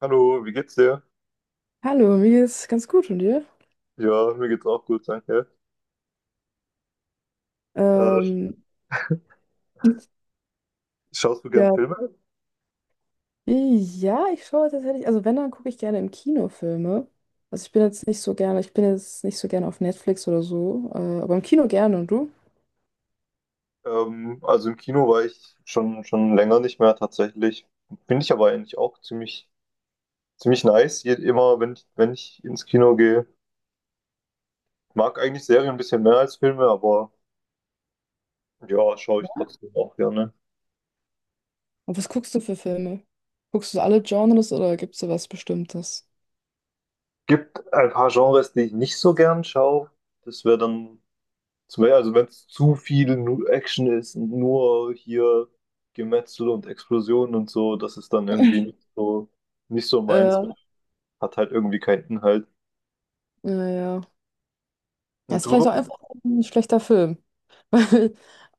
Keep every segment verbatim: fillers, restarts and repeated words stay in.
Hallo, wie geht's dir? Hallo, mir geht's ganz gut und dir? Ja, mir geht's auch gut, danke. Äh, Ähm, Schaust du gern ja, Filme? ja, ich schaue tatsächlich, also wenn, dann gucke ich gerne im Kino Filme. Also ich bin jetzt nicht so gerne, ich bin jetzt nicht so gerne auf Netflix oder so, äh, aber im Kino gerne und du? Ähm, also im Kino war ich schon, schon länger nicht mehr tatsächlich. Finde ich aber eigentlich auch ziemlich, ziemlich nice. Je, immer, wenn ich, wenn ich ins Kino gehe. Mag eigentlich Serien ein bisschen mehr als Filme, aber ja, schaue ich trotzdem auch gerne. Und was guckst du für Filme? Guckst du alle Genres oder gibt's da was Bestimmtes? Gibt ein paar Genres, die ich nicht so gern schaue. Das wäre dann zum Beispiel, also wenn es zu viel nu- Action ist und nur hier Gemetzel und Explosionen und so, das ist dann irgendwie nicht so, nicht so meins, Äh, hat halt irgendwie keinen Inhalt. naja. Ja, Und ist du vielleicht auch so? einfach ein schlechter Film. Weil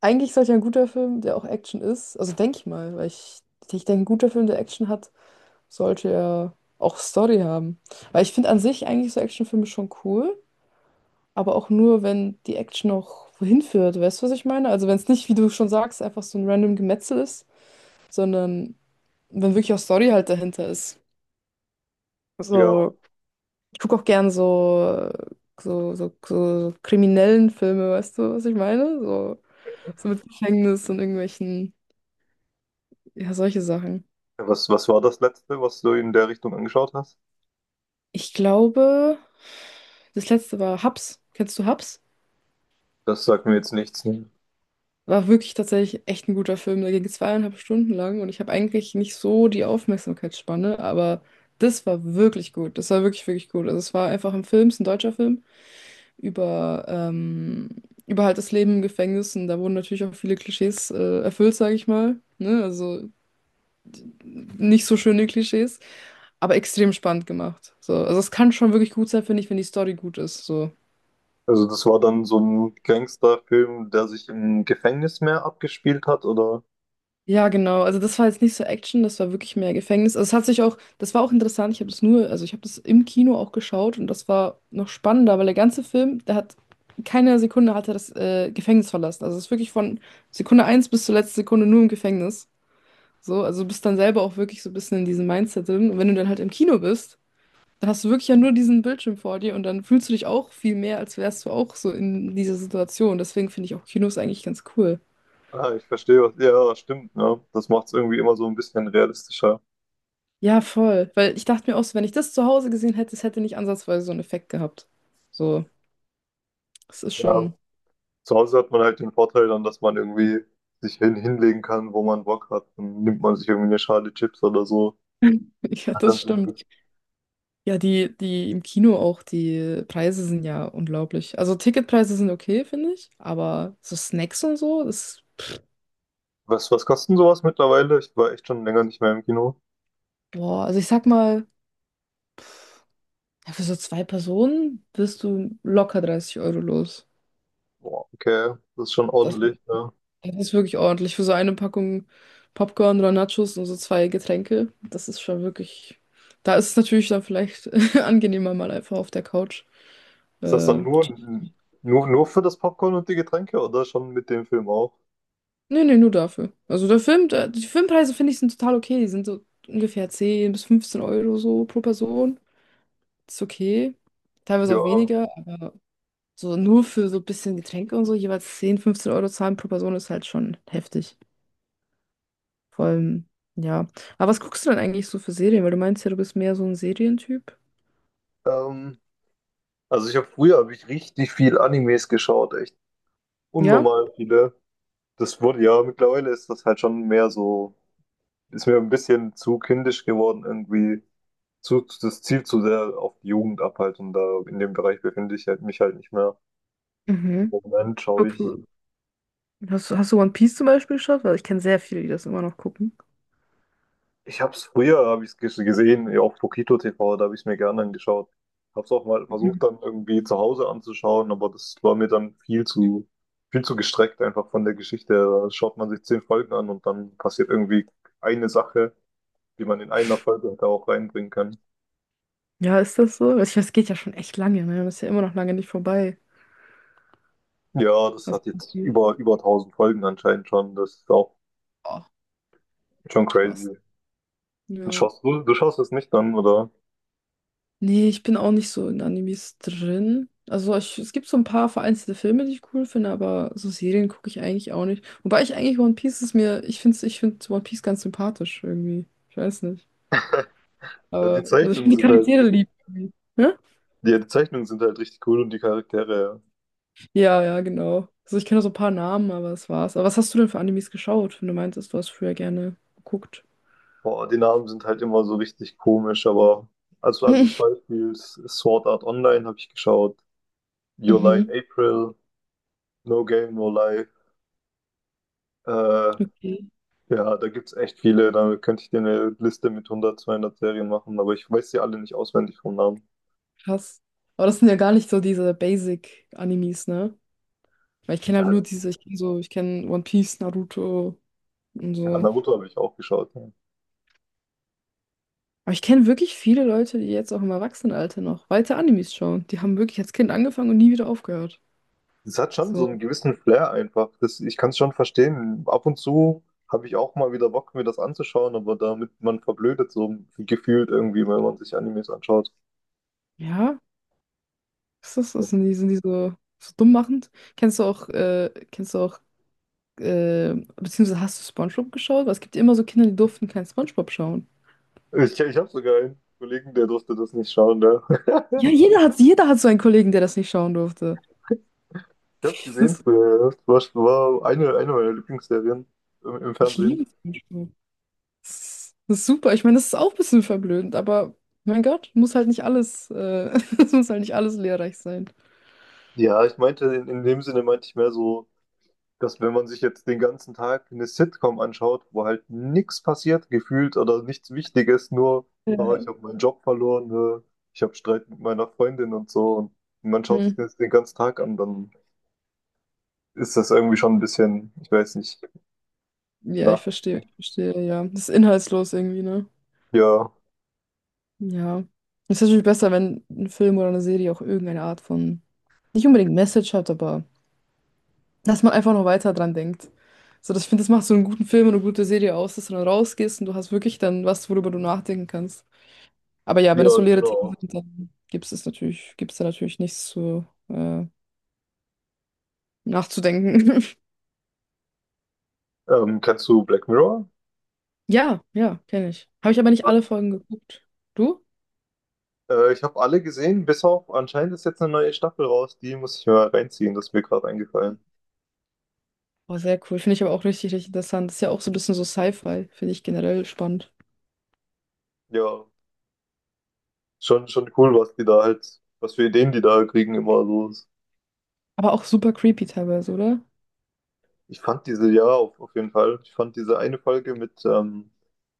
eigentlich sollte ja ein guter Film, der auch Action ist, also denke ich mal, weil ich, ich denke, ein guter Film, der Action hat, sollte ja auch Story haben. Weil ich finde an sich eigentlich so Actionfilme schon cool, aber auch nur, wenn die Action auch wohin führt. Weißt du, was ich meine? Also wenn es nicht, wie du schon sagst, einfach so ein random Gemetzel ist, sondern wenn wirklich auch Story halt dahinter ist. Ja, So, ich gucke auch gern so, so, so, so kriminellen Filme, weißt du, was ich meine? So, so mit Gefängnis und irgendwelchen, ja, solche Sachen. was, was war das letzte, was du in der Richtung angeschaut hast? Ich glaube, das letzte war Hubs. Kennst du Hubs? Das sagt mir jetzt nichts, ne? War wirklich tatsächlich echt ein guter Film. Der ging zweieinhalb Stunden lang und ich habe eigentlich nicht so die Aufmerksamkeitsspanne, aber das war wirklich gut. Das war wirklich, wirklich gut. Also es war einfach ein Film, es ist ein deutscher Film über, ähm, über halt das Leben im Gefängnis und da wurden natürlich auch viele Klischees äh, erfüllt, sage ich mal. Ne? Also nicht so schöne Klischees, aber extrem spannend gemacht. So. Also es kann schon wirklich gut sein, finde ich, wenn die Story gut ist. So. Also das war dann so ein Gangsterfilm, der sich im Gefängnis mehr abgespielt hat, oder? Ja, genau. Also das war jetzt nicht so Action, das war wirklich mehr Gefängnis. Also es hat sich auch, das war auch interessant. Ich habe das nur, also ich habe das im Kino auch geschaut und das war noch spannender, weil der ganze Film, der hat keine Sekunde hat er das äh, Gefängnis verlassen. Also es ist wirklich von Sekunde eins bis zur letzten Sekunde nur im Gefängnis. So, also du bist dann selber auch wirklich so ein bisschen in diesem Mindset drin. Und wenn du dann halt im Kino bist, dann hast du wirklich ja nur diesen Bildschirm vor dir und dann fühlst du dich auch viel mehr, als wärst du auch so in dieser Situation. Deswegen finde ich auch Kinos eigentlich ganz cool. Ah, ich verstehe was. Ja, stimmt, ja. Das macht es irgendwie immer so ein bisschen realistischer. Ja, voll. Weil ich dachte mir auch so, wenn ich das zu Hause gesehen hätte, es hätte nicht ansatzweise so einen Effekt gehabt. So, es ist Ja. schon, Zu Hause hat man halt den Vorteil dann, dass man irgendwie sich hin hinlegen kann, wo man Bock hat. Dann nimmt man sich irgendwie eine Schale Chips oder so. ja, Hat dann das so stimmt. Ja, die, die im Kino auch, die Preise sind ja unglaublich. Also Ticketpreise sind okay, finde ich, aber so Snacks und so, das, was, was kostet sowas mittlerweile? Ich war echt schon länger nicht mehr im Kino. boah, also ich sag mal, ja, für so zwei Personen bist du locker dreißig Euro los. Boah, okay, das ist schon Das ordentlich. Ja. Das ist wirklich ordentlich. Für so eine Packung Popcorn oder Nachos und so zwei Getränke, das ist schon wirklich. Da ist es natürlich dann vielleicht angenehmer, mal einfach auf der Couch. Ist das dann Äh, nur, Chips. nur, nur für das Popcorn und die Getränke oder schon mit dem Film auch? Nee, nee, nur dafür. Also der Film, der, die Filmpreise finde ich sind total okay. Die sind so ungefähr zehn bis fünfzehn Euro so pro Person. Ist okay. Teilweise auch Ja. weniger, aber so nur für so ein bisschen Getränke und so, jeweils zehn, fünfzehn Euro zahlen pro Person ist halt schon heftig. Vor allem, ja. Aber was guckst du denn eigentlich so für Serien? Weil du meinst ja, du bist mehr so ein Serientyp. Ähm, also ich habe früher hab ich richtig viel Animes geschaut, echt Ja? unnormal viele. Das wurde ja, mittlerweile ist das halt schon mehr so, ist mir ein bisschen zu kindisch geworden irgendwie. Zu, das zielt zu sehr auf die Jugend ab halt und da in dem Bereich befinde ich halt, mich halt nicht mehr. Im Mhm. Moment schaue ich, Okay. Hast, du- hast du One Piece zum Beispiel geschaut? Weil ich kenne sehr viele, die das immer noch gucken. ich habe es früher, habe ich es gesehen, ja, auf Pokito T V, da habe ich es mir gerne angeschaut. Habe es auch mal versucht Mhm. dann irgendwie zu Hause anzuschauen, aber das war mir dann viel zu, viel zu gestreckt einfach von der Geschichte her. Da schaut man sich zehn Folgen an und dann passiert irgendwie eine Sache, die man in einer Folge da auch reinbringen kann. Ja, ist das so? Ich weiß, es geht ja schon echt lange, ne? Das ist ja immer noch lange nicht vorbei. Ja, das Also, hat One jetzt Piece. über, über tausend Folgen anscheinend schon. Das ist auch Oh, schon crazy. krass. Ja. Schaust du, du schaust das nicht an, oder? Nee, ich bin auch nicht so in Animes drin. Also ich, es gibt so ein paar vereinzelte Filme, die ich cool finde, aber so Serien gucke ich eigentlich auch nicht. Wobei ich eigentlich One Piece ist mir, ich finde ich find One Piece ganz sympathisch irgendwie. Ich weiß nicht. Ja, die Aber, also ich Zeichnungen finde die sind halt, Charaktere lieb, irgendwie. Hä? ja, die Zeichnungen sind halt richtig cool und die Charaktere, ja. Ja, ja, genau. Also ich kenne so ein paar Namen, aber das war's. Aber was hast du denn für Animes geschaut, wenn du meintest, du hast früher gerne geguckt? Boah, die Namen sind halt immer so richtig komisch, aber also, also zum Beispiel Sword Art Online habe ich geschaut, Your Lie Mhm. in April, No Game, No Life, äh, ja, Okay, da gibt's echt viele, da könnte ich dir eine Liste mit hundert, zweihundert Serien machen, aber ich weiß sie alle nicht auswendig vom Namen. krass. Aber das sind ja gar nicht so diese Basic-Animes, ne? Weil ich kenne halt nur diese, ich kenne so, ich kenne One Piece, Naruto und Ja, so. Naruto habe ich auch geschaut. Ja. Aber ich kenne wirklich viele Leute, die jetzt auch im Erwachsenenalter noch weiter Animes schauen. Die haben wirklich als Kind angefangen und nie wieder aufgehört. Es hat schon so einen So, gewissen Flair einfach. Das, ich kann es schon verstehen. Ab und zu habe ich auch mal wieder Bock, mir das anzuschauen, aber damit man verblödet so gefühlt irgendwie, wenn man sich Animes anschaut. ja, was ist das? Sind die, sind die so, so dumm machend? Kennst du auch, äh, kennst du auch, äh, beziehungsweise hast du SpongeBob geschaut? Weil es gibt ja immer so Kinder, die durften kein SpongeBob schauen. Ich, ich habe sogar einen Kollegen, der durfte das nicht schauen. Der. Ja, jeder hat, jeder hat so einen Kollegen, der das nicht schauen durfte. Ich habe es gesehen Das, früher, ja. Das war, war eine, eine meiner Lieblingsserien im, im ich Fernsehen. liebe SpongeBob. Das ist, das ist super. Ich meine, das ist auch ein bisschen verblödend, aber mein Gott, muss halt nicht alles, äh, es muss halt nicht alles lehrreich sein. Ja, ich meinte, in, in dem Sinne meinte ich mehr so, dass wenn man sich jetzt den ganzen Tag eine Sitcom anschaut, wo halt nichts passiert, gefühlt oder nichts Wichtiges, nur, oh, ich Ja. habe meinen Job verloren, äh, ich habe Streit mit meiner Freundin und so, und man schaut sich Hm. das den ganzen Tag an, dann ist das irgendwie schon ein bisschen, ich weiß nicht, Ja, na, ich verstehe, ich verstehe, ja. Das ist inhaltslos irgendwie, ne? ja, Ja. Es ist natürlich besser, wenn ein Film oder eine Serie auch irgendeine Art von nicht unbedingt Message hat, aber dass man einfach noch weiter dran denkt. So, das, ich finde, das macht so einen guten Film und eine gute Serie aus, dass du dann rausgehst und du hast wirklich dann was, worüber du nachdenken kannst. Aber ja, ja, wenn das so leere Themen genau. sind, dann gibt es natürlich, gibt es da natürlich nichts zu äh, nachzudenken. Ähm, kennst du Black Mirror? Ja, ja, kenne ich. Habe ich aber nicht alle Folgen geguckt. Du? Äh, ich habe alle gesehen, bis auf anscheinend ist jetzt eine neue Staffel raus, die muss ich mal reinziehen, das ist mir gerade eingefallen. Oh, sehr cool. Finde ich aber auch richtig, richtig interessant. Ist ja auch so ein bisschen so Sci-Fi. Finde ich generell spannend. Ja, schon, schon cool, was die da halt, was für Ideen die da kriegen immer so. Aber auch super creepy teilweise, oder? Ich fand diese, ja, auf, auf jeden Fall. Ich fand diese eine Folge mit, ähm,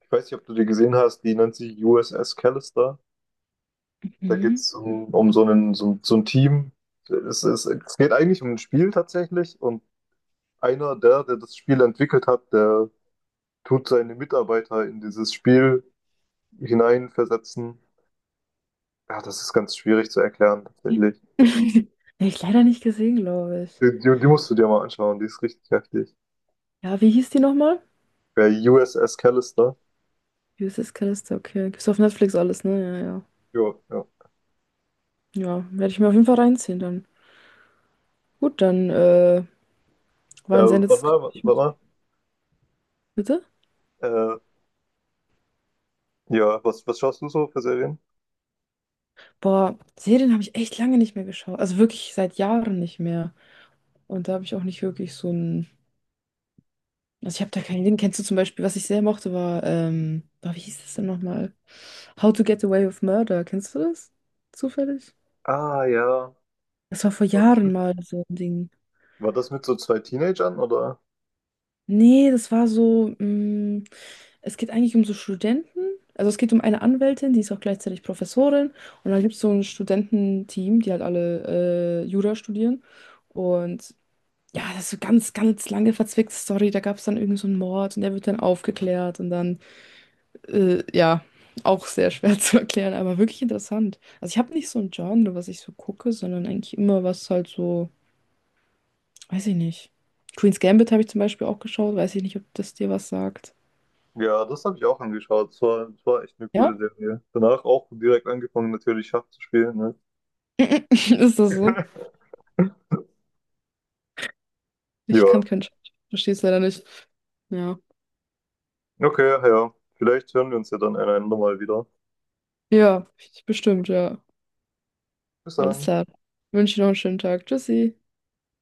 ich weiß nicht, ob du die gesehen hast, die nennt sich U S S Callister. Da geht Mhm. es um, um so einen, so, so ein Team. Es, es, es geht eigentlich um ein Spiel tatsächlich und einer der, der das Spiel entwickelt hat, der tut seine Mitarbeiter in dieses Spiel hineinversetzen. Ja, das ist ganz schwierig zu erklären tatsächlich. Habe ich leider nicht gesehen, glaube ich. Die, die, die musst du dir mal anschauen, die ist richtig heftig. Ja, wie hieß die nochmal? Bei U S S Callister. U S S Callister, okay. Gibt's auf Netflix alles, ne? Jo, ja. Ja, ja. Ja, werde ich mir auf jeden Fall reinziehen dann. Gut, dann äh, Äh, war ein sehr warte nettes mal, Gespräch Warte mit dir. mal. Bitte? Äh, Ja, was, was schaust du so für Serien? Boah, Serien habe ich echt lange nicht mehr geschaut. Also wirklich seit Jahren nicht mehr. Und da habe ich auch nicht wirklich so ein. Also ich habe da keinen Ding. Kennst du zum Beispiel, was ich sehr mochte, war, ähm, boah, wie hieß das denn nochmal? How to Get Away with Murder. Kennst du das? Zufällig? Ah, ja. Das war vor War das Jahren mit, mal so ein Ding. War das mit so zwei Teenagern, oder? Nee, das war so. Mh, es geht eigentlich um so Studenten. Also es geht um eine Anwältin, die ist auch gleichzeitig Professorin. Und dann gibt es so ein Studententeam, die halt alle äh, Jura studieren. Und ja, das ist so ganz, ganz lange verzwickte Story. Da gab es dann irgendwie so einen Mord und der wird dann aufgeklärt. Und dann, äh, ja, auch sehr schwer zu erklären, aber wirklich interessant. Also ich habe nicht so ein Genre, was ich so gucke, sondern eigentlich immer was halt so, weiß ich nicht. Queen's Gambit habe ich zum Beispiel auch geschaut. Weiß ich nicht, ob das dir was sagt. Ja, das habe ich auch angeschaut. Es war, es war echt eine coole Ja? Serie. Danach auch direkt angefangen, natürlich Schach zu spielen, ne? Ist das so? Ich Ja. kann kein Schwedisch. Verstehe es leider nicht. Ja. Okay, ja. Vielleicht hören wir uns ja dann einander mal wieder. Ja, bestimmt, ja. Bis Alles dann. klar. Wünsche dir noch einen schönen Tag. Tschüssi.